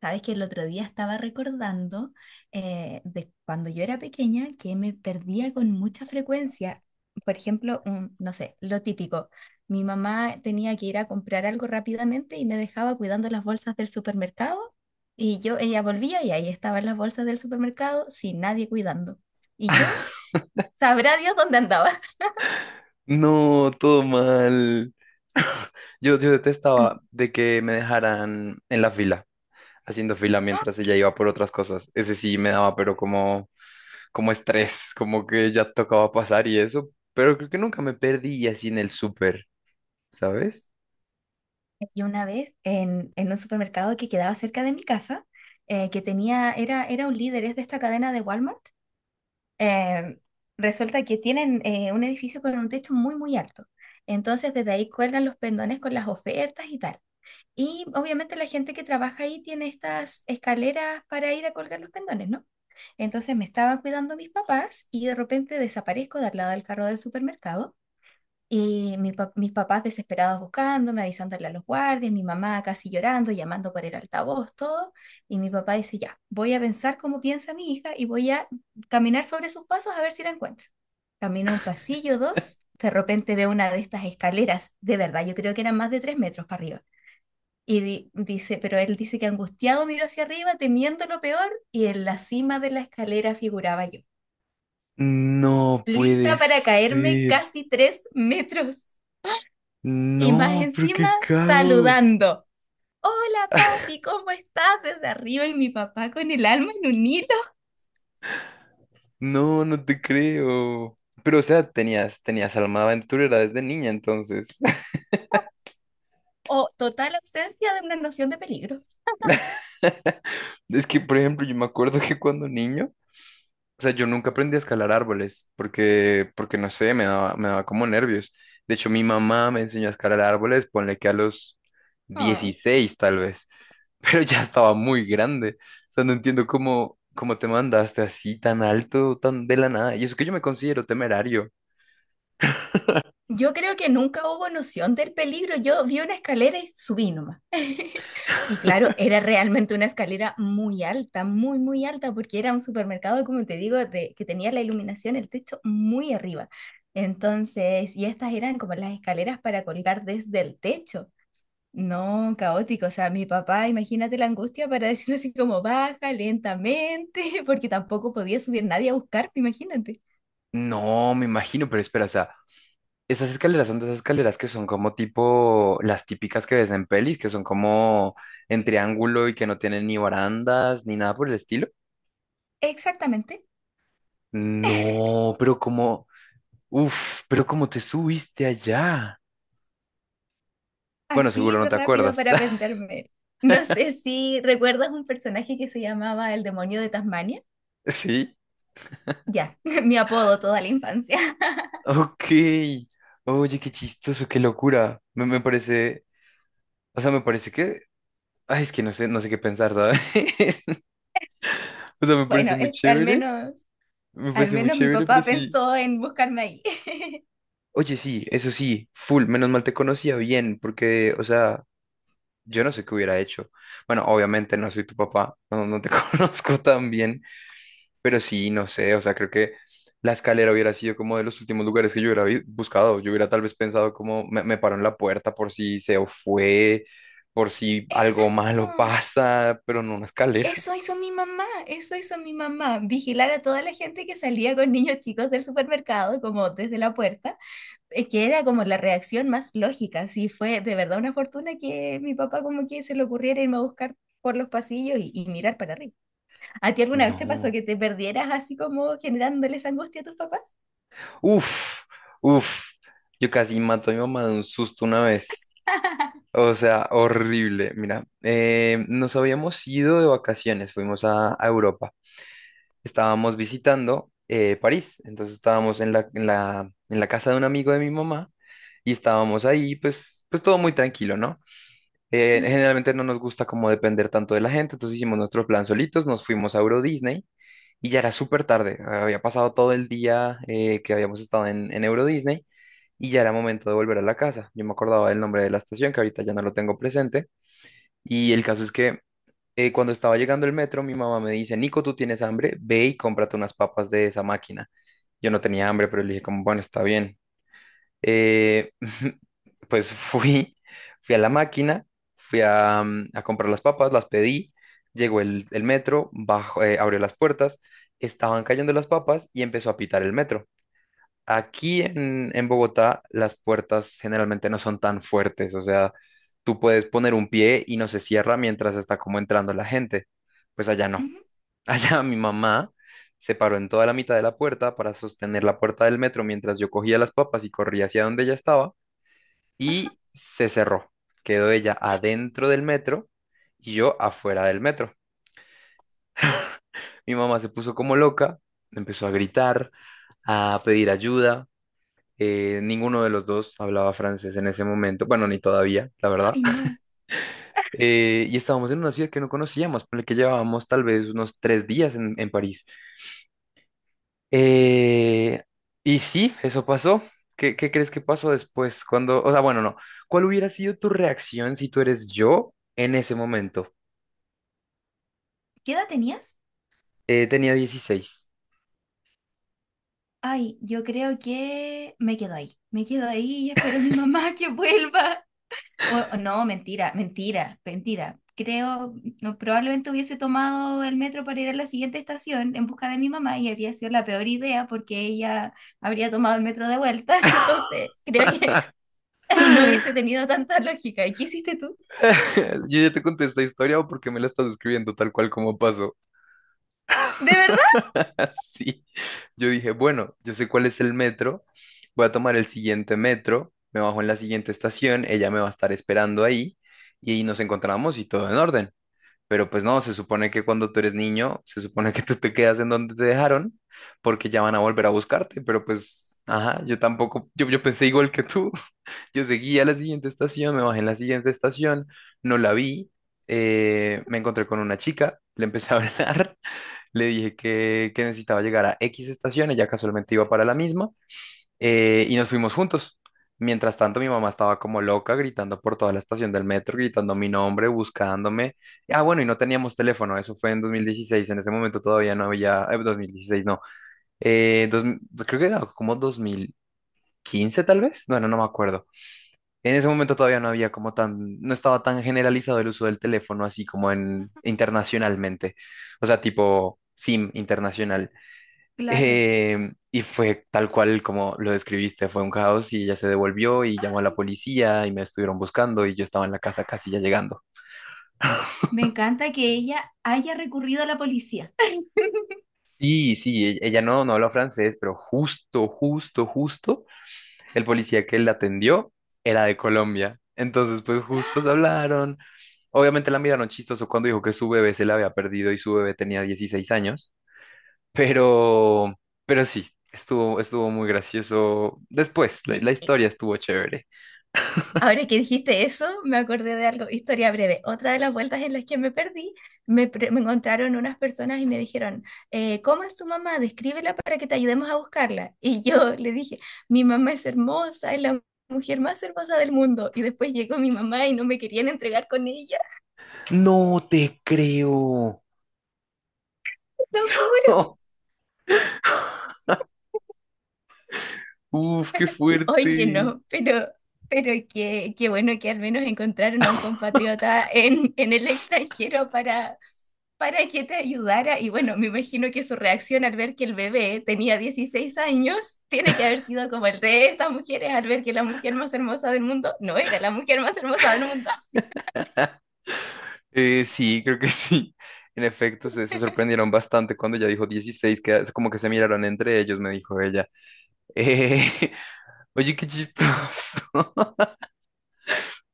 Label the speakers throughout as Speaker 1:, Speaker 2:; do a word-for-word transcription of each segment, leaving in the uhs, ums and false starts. Speaker 1: Sabes que el otro día estaba recordando eh, de cuando yo era pequeña que me perdía con mucha frecuencia. Por ejemplo, un- no sé, lo típico. Mi mamá tenía que ir a comprar algo rápidamente y me dejaba cuidando las bolsas del supermercado y yo, ella volvía y ahí estaban las bolsas del supermercado sin nadie cuidando. Y yo, sabrá Dios dónde andaba.
Speaker 2: No, todo mal. Yo, yo detestaba de que me dejaran en la fila, haciendo fila mientras ella iba por otras cosas. Ese sí me daba, pero como, como estrés, como que ya tocaba pasar y eso. Pero creo que nunca me perdí así en el súper, ¿sabes?
Speaker 1: Y una vez en, en un supermercado que quedaba cerca de mi casa, eh, que tenía, era, era un líder, es de esta cadena de Walmart. Eh, resulta que tienen eh, un edificio con un techo muy, muy alto. Entonces, desde ahí cuelgan los pendones con las ofertas y tal. Y obviamente la gente que trabaja ahí tiene estas escaleras para ir a colgar los pendones, ¿no? Entonces me estaban cuidando mis papás y de repente desaparezco de al lado del carro del supermercado y mi pa- mis papás desesperados buscándome, avisándole a los guardias, mi mamá casi llorando, llamando por el altavoz, todo. Y mi papá dice, ya, voy a pensar cómo piensa mi hija y voy a caminar sobre sus pasos a ver si la encuentro. Camino un pasillo, dos, de repente veo una de estas escaleras, de verdad, yo creo que eran más de tres metros para arriba. Y di- dice, pero él dice que angustiado miró hacia arriba, temiendo lo peor, y en la cima de la escalera figuraba yo,
Speaker 2: No puede
Speaker 1: lista para caerme
Speaker 2: ser.
Speaker 1: casi tres metros. Y más
Speaker 2: No, pero
Speaker 1: encima,
Speaker 2: qué caos.
Speaker 1: saludando. Hola, papi, ¿cómo estás? Desde arriba y mi papá con el alma en un hilo.
Speaker 2: No, no te creo. Pero, o sea, tenías, tenías alma de aventurera desde niña, entonces.
Speaker 1: O total ausencia de una noción de peligro.
Speaker 2: Es que, por ejemplo, yo me acuerdo que cuando niño, o sea, yo nunca aprendí a escalar árboles porque, porque no sé, me daba, me daba como nervios. De hecho, mi mamá me enseñó a escalar árboles, ponle que a los
Speaker 1: Ah.
Speaker 2: dieciséis tal vez, pero ya estaba muy grande. O sea, no entiendo cómo, cómo te mandaste así tan alto, tan de la nada. Y eso que yo me considero temerario.
Speaker 1: Yo creo que nunca hubo noción del peligro. Yo vi una escalera y subí nomás. Y claro, era realmente una escalera muy alta, muy, muy alta, porque era un supermercado, como te digo, de, que tenía la iluminación, el techo muy arriba. Entonces, y estas eran como las escaleras para colgar desde el techo. No, caótico. O sea, mi papá, imagínate la angustia para decirme así como baja lentamente, porque tampoco podía subir nadie a buscarme, imagínate.
Speaker 2: No, me imagino, pero espera, o sea, esas escaleras son de esas escaleras que son como tipo las típicas que ves en pelis, que son como en triángulo y que no tienen ni barandas ni nada por el estilo.
Speaker 1: Exactamente,
Speaker 2: No, pero como, uf, pero como te subiste allá. Bueno,
Speaker 1: así
Speaker 2: seguro no
Speaker 1: de
Speaker 2: te
Speaker 1: rápido
Speaker 2: acuerdas.
Speaker 1: para aprenderme. No sé si recuerdas un personaje que se llamaba el demonio de Tasmania.
Speaker 2: Sí,
Speaker 1: Ya, mi apodo toda la infancia.
Speaker 2: ok. Oye, qué chistoso, qué locura. Me, me parece, o sea, me parece que, ay, es que no sé, no sé qué pensar, ¿sabes? O sea, me
Speaker 1: Bueno,
Speaker 2: parece muy
Speaker 1: es- al
Speaker 2: chévere,
Speaker 1: menos,
Speaker 2: me
Speaker 1: al
Speaker 2: parece muy
Speaker 1: menos mi
Speaker 2: chévere, pero
Speaker 1: papá
Speaker 2: sí.
Speaker 1: pensó en buscarme ahí.
Speaker 2: Oye, sí, eso sí, full, menos mal te conocía bien, porque, o sea, yo no sé qué hubiera hecho. Bueno, obviamente no soy tu papá, no, no te conozco tan bien, pero sí, no sé, o sea, creo que la escalera hubiera sido como de los últimos lugares que yo hubiera vi- buscado. Yo hubiera tal vez pensado como me, me paro en la puerta por si se fue, por si algo malo
Speaker 1: Exacto.
Speaker 2: pasa, pero no una escalera.
Speaker 1: Eso hizo mi mamá, eso hizo mi mamá, vigilar a toda la gente que salía con niños chicos del supermercado, como desde la puerta, eh, que era como la reacción más lógica, sí, fue de verdad una fortuna que mi papá como que se le ocurriera irme a buscar por los pasillos y, y mirar para arriba. ¿A ti alguna vez te pasó
Speaker 2: No.
Speaker 1: que te perdieras así como generándoles angustia a tus papás?
Speaker 2: Uf, uf, yo casi mato a mi mamá de un susto una vez. O sea, horrible. Mira, eh, nos habíamos ido de vacaciones, fuimos a, a Europa. Estábamos visitando eh, París, entonces estábamos en la, en la, en la casa de un amigo de mi mamá y estábamos ahí, pues, pues todo muy tranquilo, ¿no? Eh,
Speaker 1: Ujú,
Speaker 2: generalmente no nos gusta como depender tanto de la gente, entonces hicimos nuestro plan solitos, nos fuimos a Euro Disney y ya era súper tarde. Había pasado todo el día eh, que habíamos estado en, en Euro Disney y ya era momento de volver a la casa. Yo me acordaba del nombre de la estación, que ahorita ya no lo tengo presente y el caso es que eh, cuando estaba llegando el metro, mi mamá me dice, Nico, ¿tú tienes hambre? Ve y cómprate unas papas de esa máquina. Yo no tenía hambre, pero le dije como, bueno, está bien. Eh, pues fui, fui a la máquina, fui a, mm, a comprar las papas, las pedí, llegó el, el metro, bajó, eh, abrió las puertas, estaban cayendo las papas y empezó a pitar el metro. Aquí en, en Bogotá las puertas generalmente no son tan fuertes, o sea, tú puedes poner un pie y no se cierra mientras está como entrando la gente. Pues allá no.
Speaker 1: ujú.
Speaker 2: Allá mi mamá se paró en toda la mitad de la puerta para sostener la puerta del metro mientras yo cogía las papas y corría hacia donde ella estaba
Speaker 1: Ajá.
Speaker 2: y se cerró. Quedó ella adentro del metro y yo afuera del metro. Mi mamá se puso como loca, empezó a gritar, a pedir ayuda. Eh, ninguno de los dos hablaba francés en ese momento, bueno, ni todavía, la verdad.
Speaker 1: Ay, no.
Speaker 2: Eh, y estábamos en una ciudad que no conocíamos, por la que llevábamos tal vez unos tres días en, en París. Eh, y sí, eso pasó. ¿Qué, qué crees que pasó después? Cuando, o sea, bueno, no. ¿Cuál hubiera sido tu reacción si tú eres yo en ese momento?
Speaker 1: ¿Qué edad tenías?
Speaker 2: Eh, tenía dieciséis.
Speaker 1: Ay, yo creo que me quedo ahí. Me quedo ahí y espero a mi mamá que vuelva. O- o no, mentira, mentira, mentira. Creo, no, probablemente hubiese tomado el metro para ir a la siguiente estación en busca de mi mamá y habría sido la peor idea porque ella habría tomado el metro de vuelta. Entonces, creo que no hubiese tenido tanta lógica. ¿Y qué hiciste tú?
Speaker 2: Yo ya te conté esta historia o porque me la estás escribiendo tal cual como pasó.
Speaker 1: ¿De verdad?
Speaker 2: Sí, yo dije, bueno, yo sé cuál es el metro, voy a tomar el siguiente metro, me bajo en la siguiente estación, ella me va a estar esperando ahí y ahí nos encontramos y todo en orden. Pero pues no, se supone que cuando tú eres niño, se supone que tú te quedas en donde te dejaron porque ya van a volver a buscarte, pero pues, ajá, yo tampoco, yo, yo pensé igual que tú, yo seguí a la siguiente estación, me bajé en la siguiente estación, no la vi, eh, me encontré con una chica, le empecé a hablar, le dije que, que necesitaba llegar a X estación, ella casualmente iba para la misma, eh, y nos fuimos juntos. Mientras tanto, mi mamá estaba como loca, gritando por toda la estación del metro, gritando mi nombre, buscándome. Ah, bueno, y no teníamos teléfono, eso fue en dos mil dieciséis, en ese momento todavía no había, eh, dos mil dieciséis no, eh, dos- creo que era como dos mil quince tal vez, bueno, no me acuerdo. En ese momento todavía no había como tan, no estaba tan generalizado el uso del teléfono así como en internacionalmente, o sea, tipo SIM internacional.
Speaker 1: Claro.
Speaker 2: Eh, y fue tal cual como lo describiste, fue un caos y ella se devolvió y llamó a la
Speaker 1: Ay,
Speaker 2: policía y me estuvieron buscando y yo estaba en la casa casi ya llegando.
Speaker 1: me encanta que ella haya recurrido a la policía.
Speaker 2: Sí, sí, e- ella no, no habló francés, pero justo, justo, justo, el policía que la atendió era de Colombia. Entonces, pues justo se hablaron. Obviamente la miraron chistoso cuando dijo que su bebé se la había perdido y su bebé tenía dieciséis años, pero, pero sí, estuvo, estuvo muy gracioso. Después, la la historia estuvo chévere.
Speaker 1: Ahora que dijiste eso, me acordé de algo, historia breve. Otra de las vueltas en las que me perdí, me, pre- me encontraron unas personas y me dijeron, eh, ¿cómo es tu mamá? Descríbela para que te ayudemos a buscarla. Y yo le dije, mi mamá es hermosa, es la mujer más hermosa del mundo. Y después llegó mi mamá y no me querían entregar con ella,
Speaker 2: No te creo.
Speaker 1: lo juro.
Speaker 2: Uf, qué
Speaker 1: Oye,
Speaker 2: fuerte.
Speaker 1: no, pero, pero qué, qué bueno que al menos encontraron a un compatriota en, en el extranjero para, para que te ayudara. Y bueno, me imagino que su reacción al ver que el bebé tenía dieciséis años tiene que haber sido como el de estas mujeres al ver que la mujer más hermosa del mundo no era la mujer más hermosa del mundo.
Speaker 2: Eh, sí, creo que sí. En efecto, se, se sorprendieron bastante cuando ella dijo dieciséis, que es como que se miraron entre ellos, me dijo ella. Eh, Oye, qué chistoso.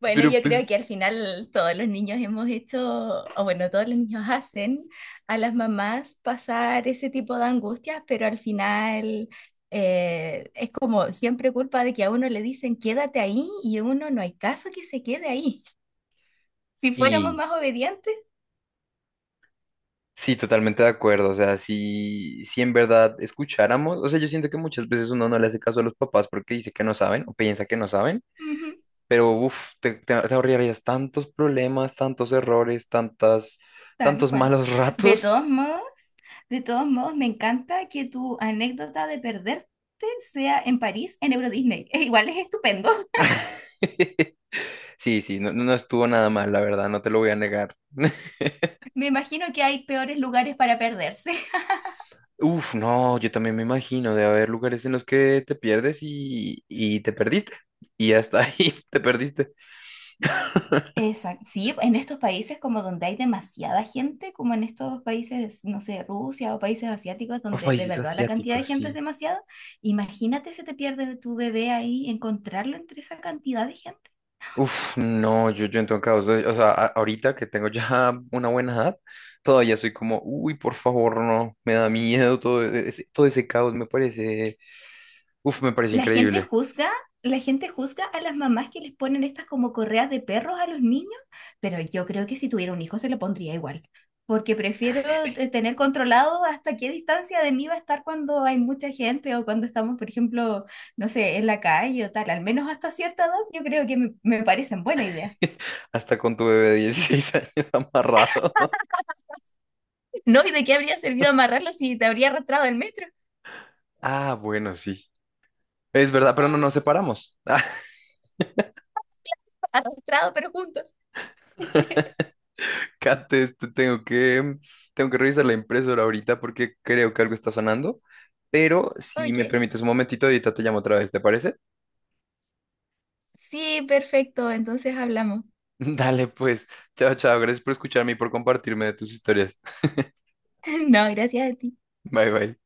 Speaker 1: Bueno,
Speaker 2: Pero
Speaker 1: yo creo que
Speaker 2: pues
Speaker 1: al final todos los niños hemos hecho, o bueno, todos los niños hacen a las mamás pasar ese tipo de angustias, pero al final eh, es como siempre culpa de que a uno le dicen quédate ahí y uno no hay caso que se quede ahí. Si fuéramos
Speaker 2: sí,
Speaker 1: más obedientes,
Speaker 2: sí, totalmente de acuerdo. O sea, si, si en verdad escucháramos, o sea, yo siento que muchas veces uno no le hace caso a los papás porque dice que no saben o piensa que no saben.
Speaker 1: ujú,
Speaker 2: Pero uff, te, te- te ahorrarías tantos problemas, tantos errores, tantas,
Speaker 1: tal
Speaker 2: tantos
Speaker 1: cual.
Speaker 2: malos
Speaker 1: De
Speaker 2: ratos.
Speaker 1: todos modos, de todos modos, me encanta que tu anécdota de perderte sea en París, en Euro Disney. Igual es estupendo.
Speaker 2: Sí, sí, no, no no estuvo nada mal, la verdad, no te lo voy a negar.
Speaker 1: Me imagino que hay peores lugares para perderse.
Speaker 2: Uf, no, yo también me imagino de haber lugares en los que te pierdes y, y te perdiste. Y hasta ahí te perdiste.
Speaker 1: Exacto. Sí, en estos países como donde hay demasiada gente, como en estos países, no sé, Rusia o países asiáticos,
Speaker 2: O
Speaker 1: donde de
Speaker 2: países
Speaker 1: verdad la cantidad
Speaker 2: asiáticos,
Speaker 1: de
Speaker 2: sí.
Speaker 1: gente es demasiada, imagínate si te pierde tu bebé ahí, encontrarlo entre esa cantidad de gente.
Speaker 2: Uf, no, yo, yo en todo caso, soy- o sea, a- ahorita que tengo ya una buena edad, todavía soy como, uy, por favor, no, me da miedo todo e- ese, todo ese caos, me parece, uf, me parece
Speaker 1: La gente
Speaker 2: increíble,
Speaker 1: juzga, la gente juzga a las mamás que les ponen estas como correas de perros a los niños, pero yo creo que si tuviera un hijo se lo pondría igual, porque prefiero te- tener controlado hasta qué distancia de mí va a estar cuando hay mucha gente o cuando estamos, por ejemplo, no sé, en la calle o tal, al menos hasta cierta edad yo creo que me, me parecen buena idea.
Speaker 2: hasta con tu bebé de dieciséis años amarrado.
Speaker 1: ¿No? ¿Y de qué habría servido amarrarlo si te habría arrastrado el metro?
Speaker 2: Ah, bueno, sí, es verdad, pero no nos separamos.
Speaker 1: Arrastrado, pero juntos.
Speaker 2: Kate, te- tengo que, tengo que revisar la impresora ahorita porque creo que algo está sonando, pero si me
Speaker 1: Ok.
Speaker 2: permites un momentito, ahorita te llamo otra vez, ¿te parece?
Speaker 1: Sí, perfecto, entonces hablamos.
Speaker 2: Dale, pues. Chao, chao. Gracias por escucharme y por compartirme de tus historias.
Speaker 1: No, gracias a ti.
Speaker 2: Bye, bye.